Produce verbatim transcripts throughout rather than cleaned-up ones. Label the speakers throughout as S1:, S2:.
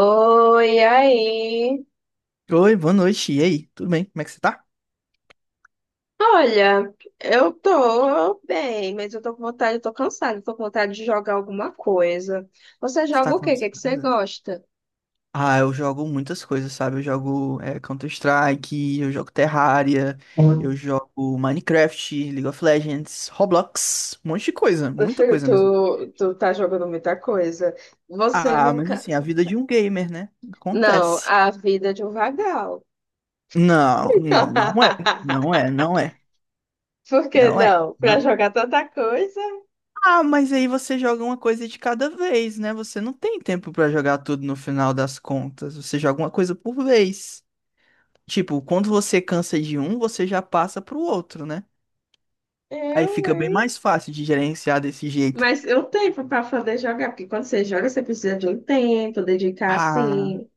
S1: Oi, aí.
S2: Oi, boa noite. E aí? Tudo bem? Como é que você tá?
S1: Olha, eu tô bem, mas eu tô com vontade, eu tô cansada, eu tô com vontade de jogar alguma coisa. Você
S2: Você
S1: joga
S2: tá
S1: o quê? O que que você
S2: cansada?
S1: gosta?
S2: Ah, eu jogo muitas coisas, sabe? Eu jogo é, Counter-Strike, eu jogo Terraria,
S1: Meu
S2: eu jogo Minecraft, League of Legends, Roblox, um monte de coisa, muita
S1: filho,
S2: coisa mesmo.
S1: tu, tu tá jogando muita coisa. Você
S2: Ah, mas
S1: nunca.
S2: assim, a vida de um gamer, né?
S1: Não,
S2: Acontece.
S1: a vida é de um vagal.
S2: Não, não, não é. Não é, não é,
S1: Por que
S2: não é,
S1: não?
S2: não
S1: Pra
S2: é.
S1: jogar tanta coisa?
S2: Ah, mas aí você joga uma coisa de cada vez, né? Você não tem tempo pra jogar tudo no final das contas. Você joga uma coisa por vez. Tipo, quando você cansa de um, você já passa pro outro, né? Aí
S1: Eu,
S2: fica bem
S1: hein?
S2: mais fácil de gerenciar desse jeito.
S1: Mas eu tenho para poder jogar, porque quando você joga, você precisa de um tempo, dedicar
S2: Ah,
S1: assim.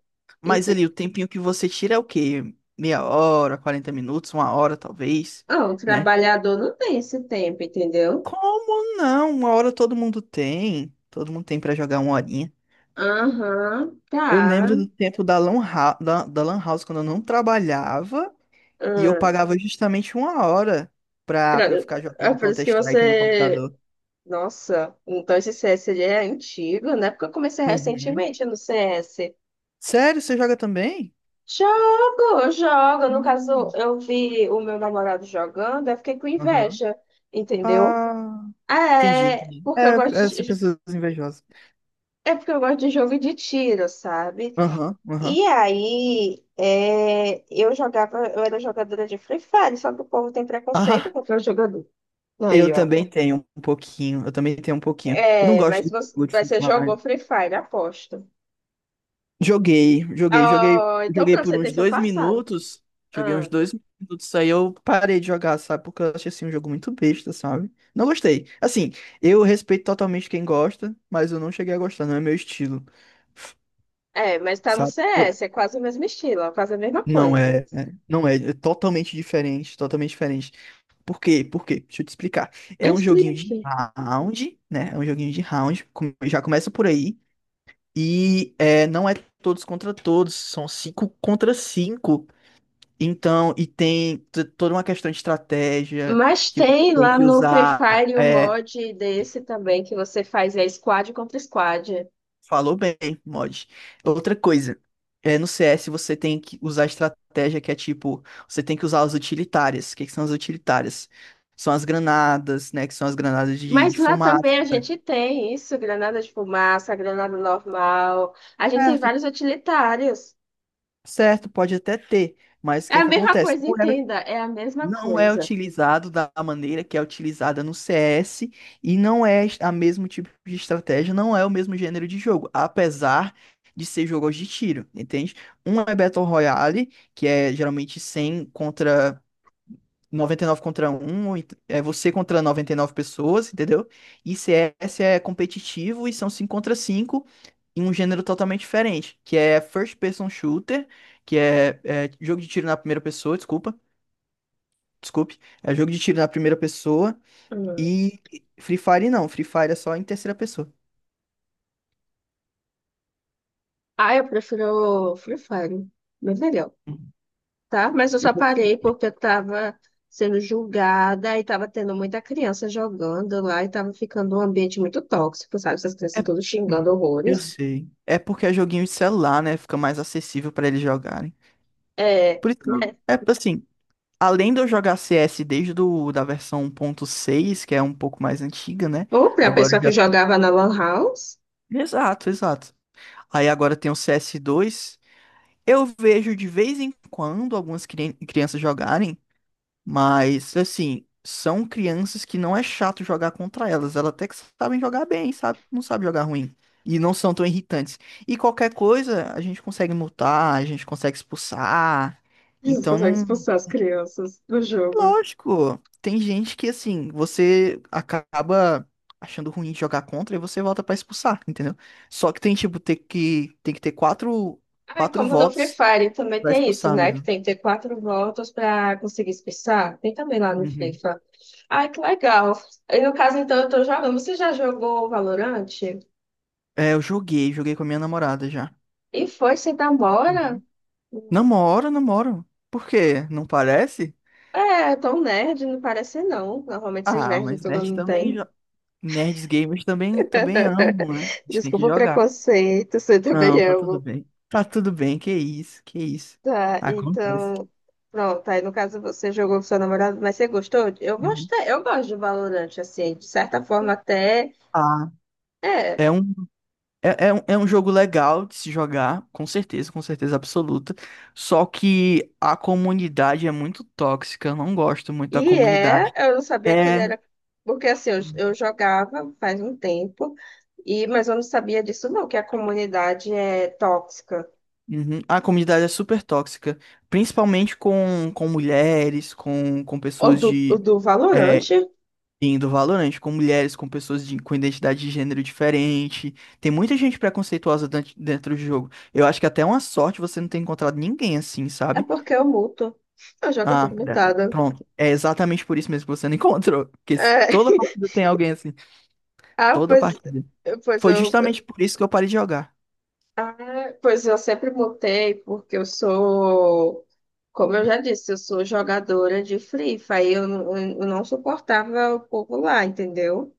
S2: mas ali o tempinho que você tira é o quê? Meia hora, quarenta minutos, uma hora talvez,
S1: Ah, o
S2: né?
S1: trabalhador não tem esse tempo, entendeu?
S2: Como não? Uma hora todo mundo tem. Todo mundo tem pra jogar uma horinha.
S1: Aham,
S2: Eu lembro
S1: tá.
S2: do tempo da Lan, Hou- da, da Lan House quando eu não trabalhava e eu
S1: Hum.
S2: pagava justamente uma hora pra,
S1: Pra-
S2: pra eu ficar
S1: É
S2: jogando
S1: por isso que
S2: Counter-Strike no
S1: você.
S2: computador.
S1: Nossa, então esse C S ele é antigo, né? Porque eu comecei
S2: Uhum.
S1: recentemente no C S.
S2: Sério, você joga também?
S1: Jogo, jogo. No caso,
S2: Hum.
S1: eu vi o meu namorado jogando, eu fiquei com
S2: Aham.
S1: inveja, entendeu?
S2: Ah, entendi,
S1: É,
S2: entendi.
S1: porque eu
S2: É, é
S1: gosto
S2: assim,
S1: de...
S2: pessoas invejosas.
S1: É porque eu gosto de jogo de tiro, sabe?
S2: Aham, aham.
S1: E aí, é, eu jogava, eu era jogadora de Free Fire, só que o povo tem preconceito
S2: Ah,
S1: contra eu jogador. Aí,
S2: eu
S1: ó.
S2: também tenho um pouquinho. Eu também tenho um pouquinho. Eu não
S1: É,
S2: gosto
S1: mas
S2: de
S1: você,
S2: jogo de
S1: mas
S2: Free
S1: você jogou
S2: Fire.
S1: Free Fire, aposto.
S2: Joguei, joguei, joguei,
S1: Oh, então
S2: joguei
S1: pra
S2: por
S1: você ter
S2: uns
S1: seu
S2: dois
S1: passado.
S2: minutos. Joguei uns
S1: Ah,
S2: dois minutos, aí eu parei de jogar, sabe? Porque eu achei assim um jogo muito besta, sabe? Não gostei. Assim, eu respeito totalmente quem gosta, mas eu não cheguei a gostar, não é meu estilo.
S1: é, mas tá no
S2: Sabe?
S1: C. S. é quase o mesmo estilo, é quase a mesma
S2: Não
S1: coisa.
S2: é, é- não é, é totalmente diferente, totalmente diferente. Por quê? Por quê? Deixa eu te explicar. É um joguinho
S1: Explique.
S2: de round, né? É um joguinho de round, com- já começa por aí. E é, não é todos contra todos, são cinco contra cinco. Então, e tem t- toda uma questão de estratégia
S1: Mas
S2: que você
S1: tem
S2: tem
S1: lá
S2: que
S1: no Free
S2: usar.
S1: Fire o
S2: É,
S1: mod desse também que você faz é squad contra squad.
S2: falou bem, mod. Outra coisa, é, no C S você tem que usar estratégia que é tipo, você tem que usar as utilitárias. O que que são as utilitárias? São as granadas, né? Que são as granadas de,
S1: Mas
S2: de
S1: lá
S2: fumaça.
S1: também a gente tem isso, granada de fumaça, granada normal. A gente tem
S2: Certo,
S1: vários utilitários.
S2: certo, pode até ter, mas o
S1: É
S2: que
S1: a
S2: que
S1: mesma
S2: acontece?
S1: coisa, entenda, é a mesma
S2: Não é
S1: coisa.
S2: utilizado da maneira que é utilizada no C S e não é a mesmo tipo de estratégia, não é o mesmo gênero de jogo, apesar de ser jogos de tiro, entende? Um é Battle Royale, que é geralmente cem contra noventa e nove contra um ou ent- é você contra noventa e nove pessoas, entendeu? E C S é competitivo e são cinco contra cinco em um gênero totalmente diferente, que é First Person Shooter, que é é jogo de tiro na primeira pessoa, desculpa Desculpe. É jogo de tiro na primeira pessoa.
S1: Hum.
S2: E Free Fire não. Free Fire é só em terceira pessoa.
S1: Ah, eu prefiro Free Fire, bem melhor, tá? Mas eu
S2: Eu,
S1: só
S2: consigo-
S1: parei porque eu tava sendo julgada e tava tendo muita criança jogando lá e tava ficando um ambiente muito tóxico, sabe? Essas crianças
S2: é-
S1: todas xingando
S2: hum, eu
S1: horrores.
S2: sei. É porque é joguinho de celular, né? Fica mais acessível pra eles jogarem.
S1: É,
S2: Por isso,
S1: né?
S2: é assim, além de eu jogar C S desde do, da versão um ponto seis, que é um pouco mais antiga, né?
S1: Ou pra
S2: Agora
S1: pessoa que
S2: já tá.
S1: jogava na Lan House,
S2: Exato, exato. Aí agora tem o C S dois. Eu vejo de vez em quando algumas cri- crianças jogarem. Mas, assim, são crianças que não é chato jogar contra elas. Elas até que sabem jogar bem, sabe? Não sabem jogar ruim. E não são tão irritantes. E qualquer coisa, a gente consegue multar, a gente consegue expulsar. Então,
S1: consegue
S2: não.
S1: expulsar as crianças do jogo.
S2: Lógico, tem gente que, assim, você acaba achando ruim de jogar contra e você volta pra expulsar, entendeu? Só que tem, tipo, ter que, tem que ter quatro,
S1: Ah,
S2: quatro
S1: como no Free
S2: votos
S1: Fire também
S2: pra
S1: tem isso,
S2: expulsar
S1: né? Que
S2: mesmo.
S1: tem que ter quatro voltas pra conseguir expulsar. Tem também lá no
S2: Uhum.
S1: FIFA. Ai, que legal. E no caso, então, eu tô jogando. Você já jogou Valorant?
S2: É, eu joguei, joguei com a minha namorada já.
S1: E foi sem demora?
S2: Uhum. Namoro, namoro. Por quê? Não parece?
S1: É, tão nerd, não parece não. Normalmente esses
S2: Ah,
S1: nerds
S2: mas
S1: todo
S2: nerd
S1: mundo
S2: também.
S1: tem.
S2: jo- Nerds gamers também, também amam, né? A gente tem que
S1: Desculpa o
S2: jogar.
S1: preconceito, você também
S2: Não, tá tudo
S1: amo.
S2: bem. Tá tudo bem, que isso, que isso.
S1: Tá,
S2: Acontece.
S1: então. Pronto, aí no caso você jogou com seu namorado, mas você gostou? Eu
S2: Uhum.
S1: gostei, eu gosto de Valorant, assim, de certa forma até.
S2: Ah,
S1: É.
S2: é um, é, é um, é um jogo legal de se jogar, com certeza, com certeza absoluta. Só que a comunidade é muito tóxica, eu não gosto muito da
S1: E é,
S2: comunidade.
S1: eu não sabia que ele
S2: É.
S1: era. Porque assim, eu, eu jogava faz um tempo, e mas eu não sabia disso, não, que a comunidade é tóxica.
S2: Uhum. A comunidade é super tóxica, principalmente com, com mulheres, com, com
S1: O
S2: pessoas
S1: do, o
S2: de
S1: do
S2: é,
S1: Valorante
S2: indo Valorant, com mulheres, com pessoas de, com identidade de gênero diferente. Tem muita gente preconceituosa dent- dentro do jogo. Eu acho que até é uma sorte você não ter encontrado ninguém assim,
S1: é
S2: sabe?
S1: porque eu muto. Eu jogo
S2: Ah,
S1: tudo
S2: é,
S1: mutada.
S2: pronto. É exatamente por isso mesmo que você não encontrou. Porque se-
S1: É.
S2: toda partida tem alguém assim.
S1: Ah,
S2: Toda
S1: pois,
S2: partida.
S1: pois
S2: Foi
S1: eu.
S2: justamente por isso que eu parei de jogar.
S1: Ah, pois eu sempre mutei, porque eu sou. Como eu já disse, eu sou jogadora de Free Fire, eu, não- eu não suportava o povo lá, entendeu?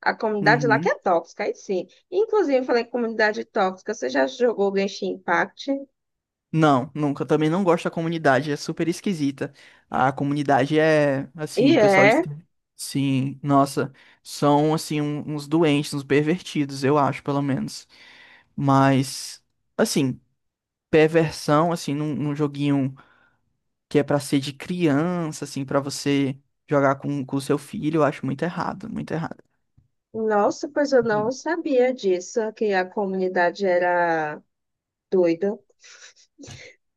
S1: A comunidade lá que
S2: Uhum.
S1: é tóxica, aí sim. Inclusive, eu falei que comunidade tóxica, você já jogou Genshin Impact?
S2: Não, nunca. Também não gosto da comunidade, é super esquisita. A comunidade é,
S1: E
S2: assim, o pessoal de.
S1: é.
S2: Sim, nossa, são, assim, um- uns doentes, uns pervertidos, eu acho, pelo menos. Mas, assim, perversão, assim, num, num joguinho que é pra ser de criança, assim, pra você jogar com com o seu filho, eu acho muito errado, muito errado.
S1: Nossa, pois eu não sabia disso, que a comunidade era doida.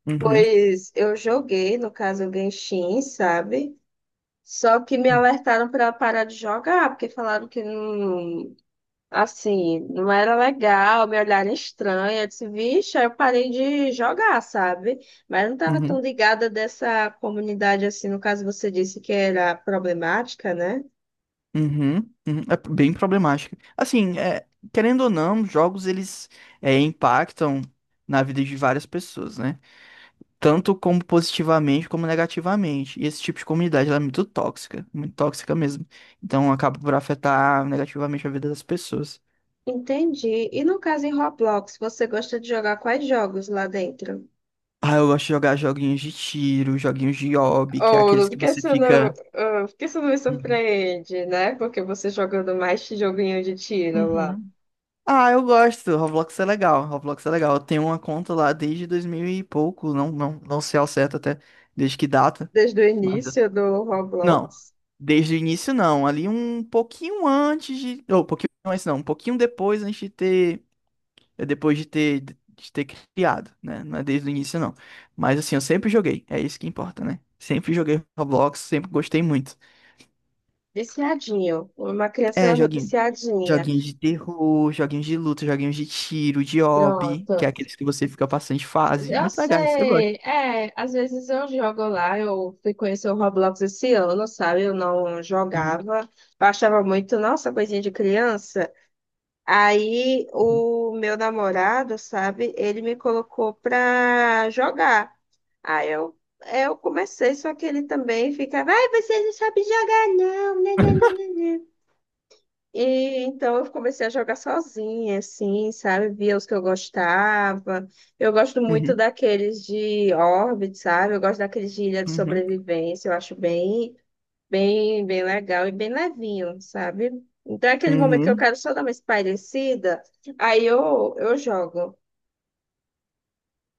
S2: Uhum,
S1: Pois eu joguei, no caso, o Genshin, sabe? Só que me alertaram para parar de jogar, porque falaram que não, assim, não era legal, me olharem estranha. Eu disse, vixe, aí eu parei de jogar, sabe? Mas eu não estava tão
S2: uhum.
S1: ligada dessa comunidade assim, no caso você disse que era problemática, né?
S2: Uhum, uhum, é bem problemática. Assim, é, querendo ou não, jogos eles é, impactam na vida de várias pessoas, né? Tanto como positivamente como negativamente. E esse tipo de comunidade ela é muito tóxica, muito tóxica mesmo. Então acaba por afetar negativamente a vida das pessoas.
S1: Entendi. E no caso em Roblox, você gosta de jogar quais jogos lá dentro?
S2: Ah, eu gosto de jogar joguinhos de tiro, joguinhos de hobby, que é
S1: Oh,
S2: aqueles
S1: por
S2: que
S1: que
S2: você
S1: você não,
S2: fica.
S1: ah, por que não me
S2: Uhum.
S1: surpreende, né? Porque você jogando mais esse joguinho de tiro lá.
S2: Uhum. Ah, eu gosto. Roblox é legal. Roblox é legal. Eu tenho uma conta lá desde dois mil e pouco. Não, não, não sei ao certo até desde que data.
S1: Desde o
S2: Mas eu-
S1: início do
S2: Não.
S1: Roblox.
S2: Desde o início, não. Ali um pouquinho antes de. Ou, um pouquinho antes, não. Um pouquinho depois antes de ter. é, Depois de ter, de ter, criado, né? Não é desde o início, não. Mas assim, eu sempre joguei. É isso que importa, né? Sempre joguei Roblox, sempre gostei muito.
S1: Viciadinho. Uma
S2: É,
S1: criança
S2: joguinho.
S1: viciadinha.
S2: Joguinhos de terror, joguinhos de luta, joguinhos de tiro, de hobby, que
S1: Pronto.
S2: é aqueles que você fica passando de fase.
S1: Eu
S2: Muito legais, eu gosto.
S1: sei. É, às vezes eu jogo lá, eu fui conhecer o Roblox esse ano, sabe? Eu não
S2: Uhum,
S1: jogava. Eu achava muito, nossa, coisinha de criança. Aí o meu namorado, sabe, ele me colocou pra jogar. Aí eu, eu comecei, só que ele também ficava, ai, você não sabe jogar, não. né, né, né, né, né." E então eu comecei a jogar sozinha, assim, sabe? Via os que eu gostava. Eu gosto muito
S2: uhum,
S1: daqueles de Orbit, sabe? Eu gosto daqueles de Ilha de
S2: uhum,
S1: Sobrevivência, eu acho bem, bem, bem legal e bem levinho, sabe? Então é aquele momento que eu
S2: uhum.
S1: quero só dar uma espairecida, aí eu, eu jogo.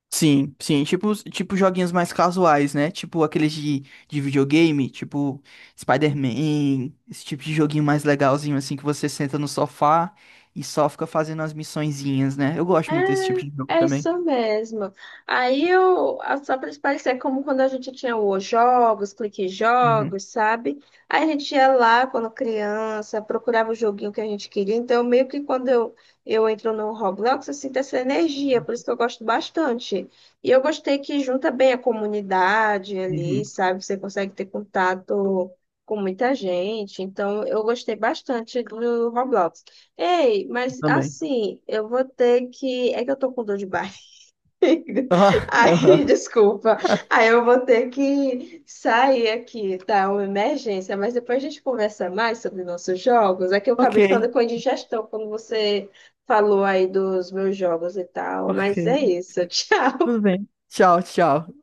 S2: Sim, sim, tipo, os- tipo joguinhos mais casuais, né? Tipo aqueles de, de videogame, tipo Spider-Man, esse tipo de joguinho mais legalzinho, assim, que você senta no sofá e só fica fazendo as missõezinhas, né? Eu gosto muito desse tipo de jogo
S1: É, é
S2: também.
S1: isso mesmo. Aí eu, a- só para parecer como quando a gente tinha os jogos, clique
S2: Uhum,
S1: jogos, sabe? Aí a gente ia lá quando criança, procurava o joguinho que a gente queria. Então, meio que quando eu, eu entro no Roblox, eu sinto essa energia, por isso que eu gosto bastante. E eu gostei que junta bem a comunidade ali,
S2: uhum,
S1: sabe? Você consegue ter contato com muita gente. Então, eu gostei bastante do Roblox. Ei, mas
S2: também.
S1: assim, eu vou ter que. É que eu tô com dor de barriga.
S2: Ah, aham.
S1: Aí, desculpa. Aí eu vou ter que sair aqui, tá? Uma emergência. Mas depois a gente conversa mais sobre nossos jogos. É que eu
S2: Ok,
S1: acabei ficando com indigestão quando você falou aí dos meus jogos e tal. Mas é
S2: ok.
S1: isso. Tchau.
S2: Tudo bem. Tchau, tchau.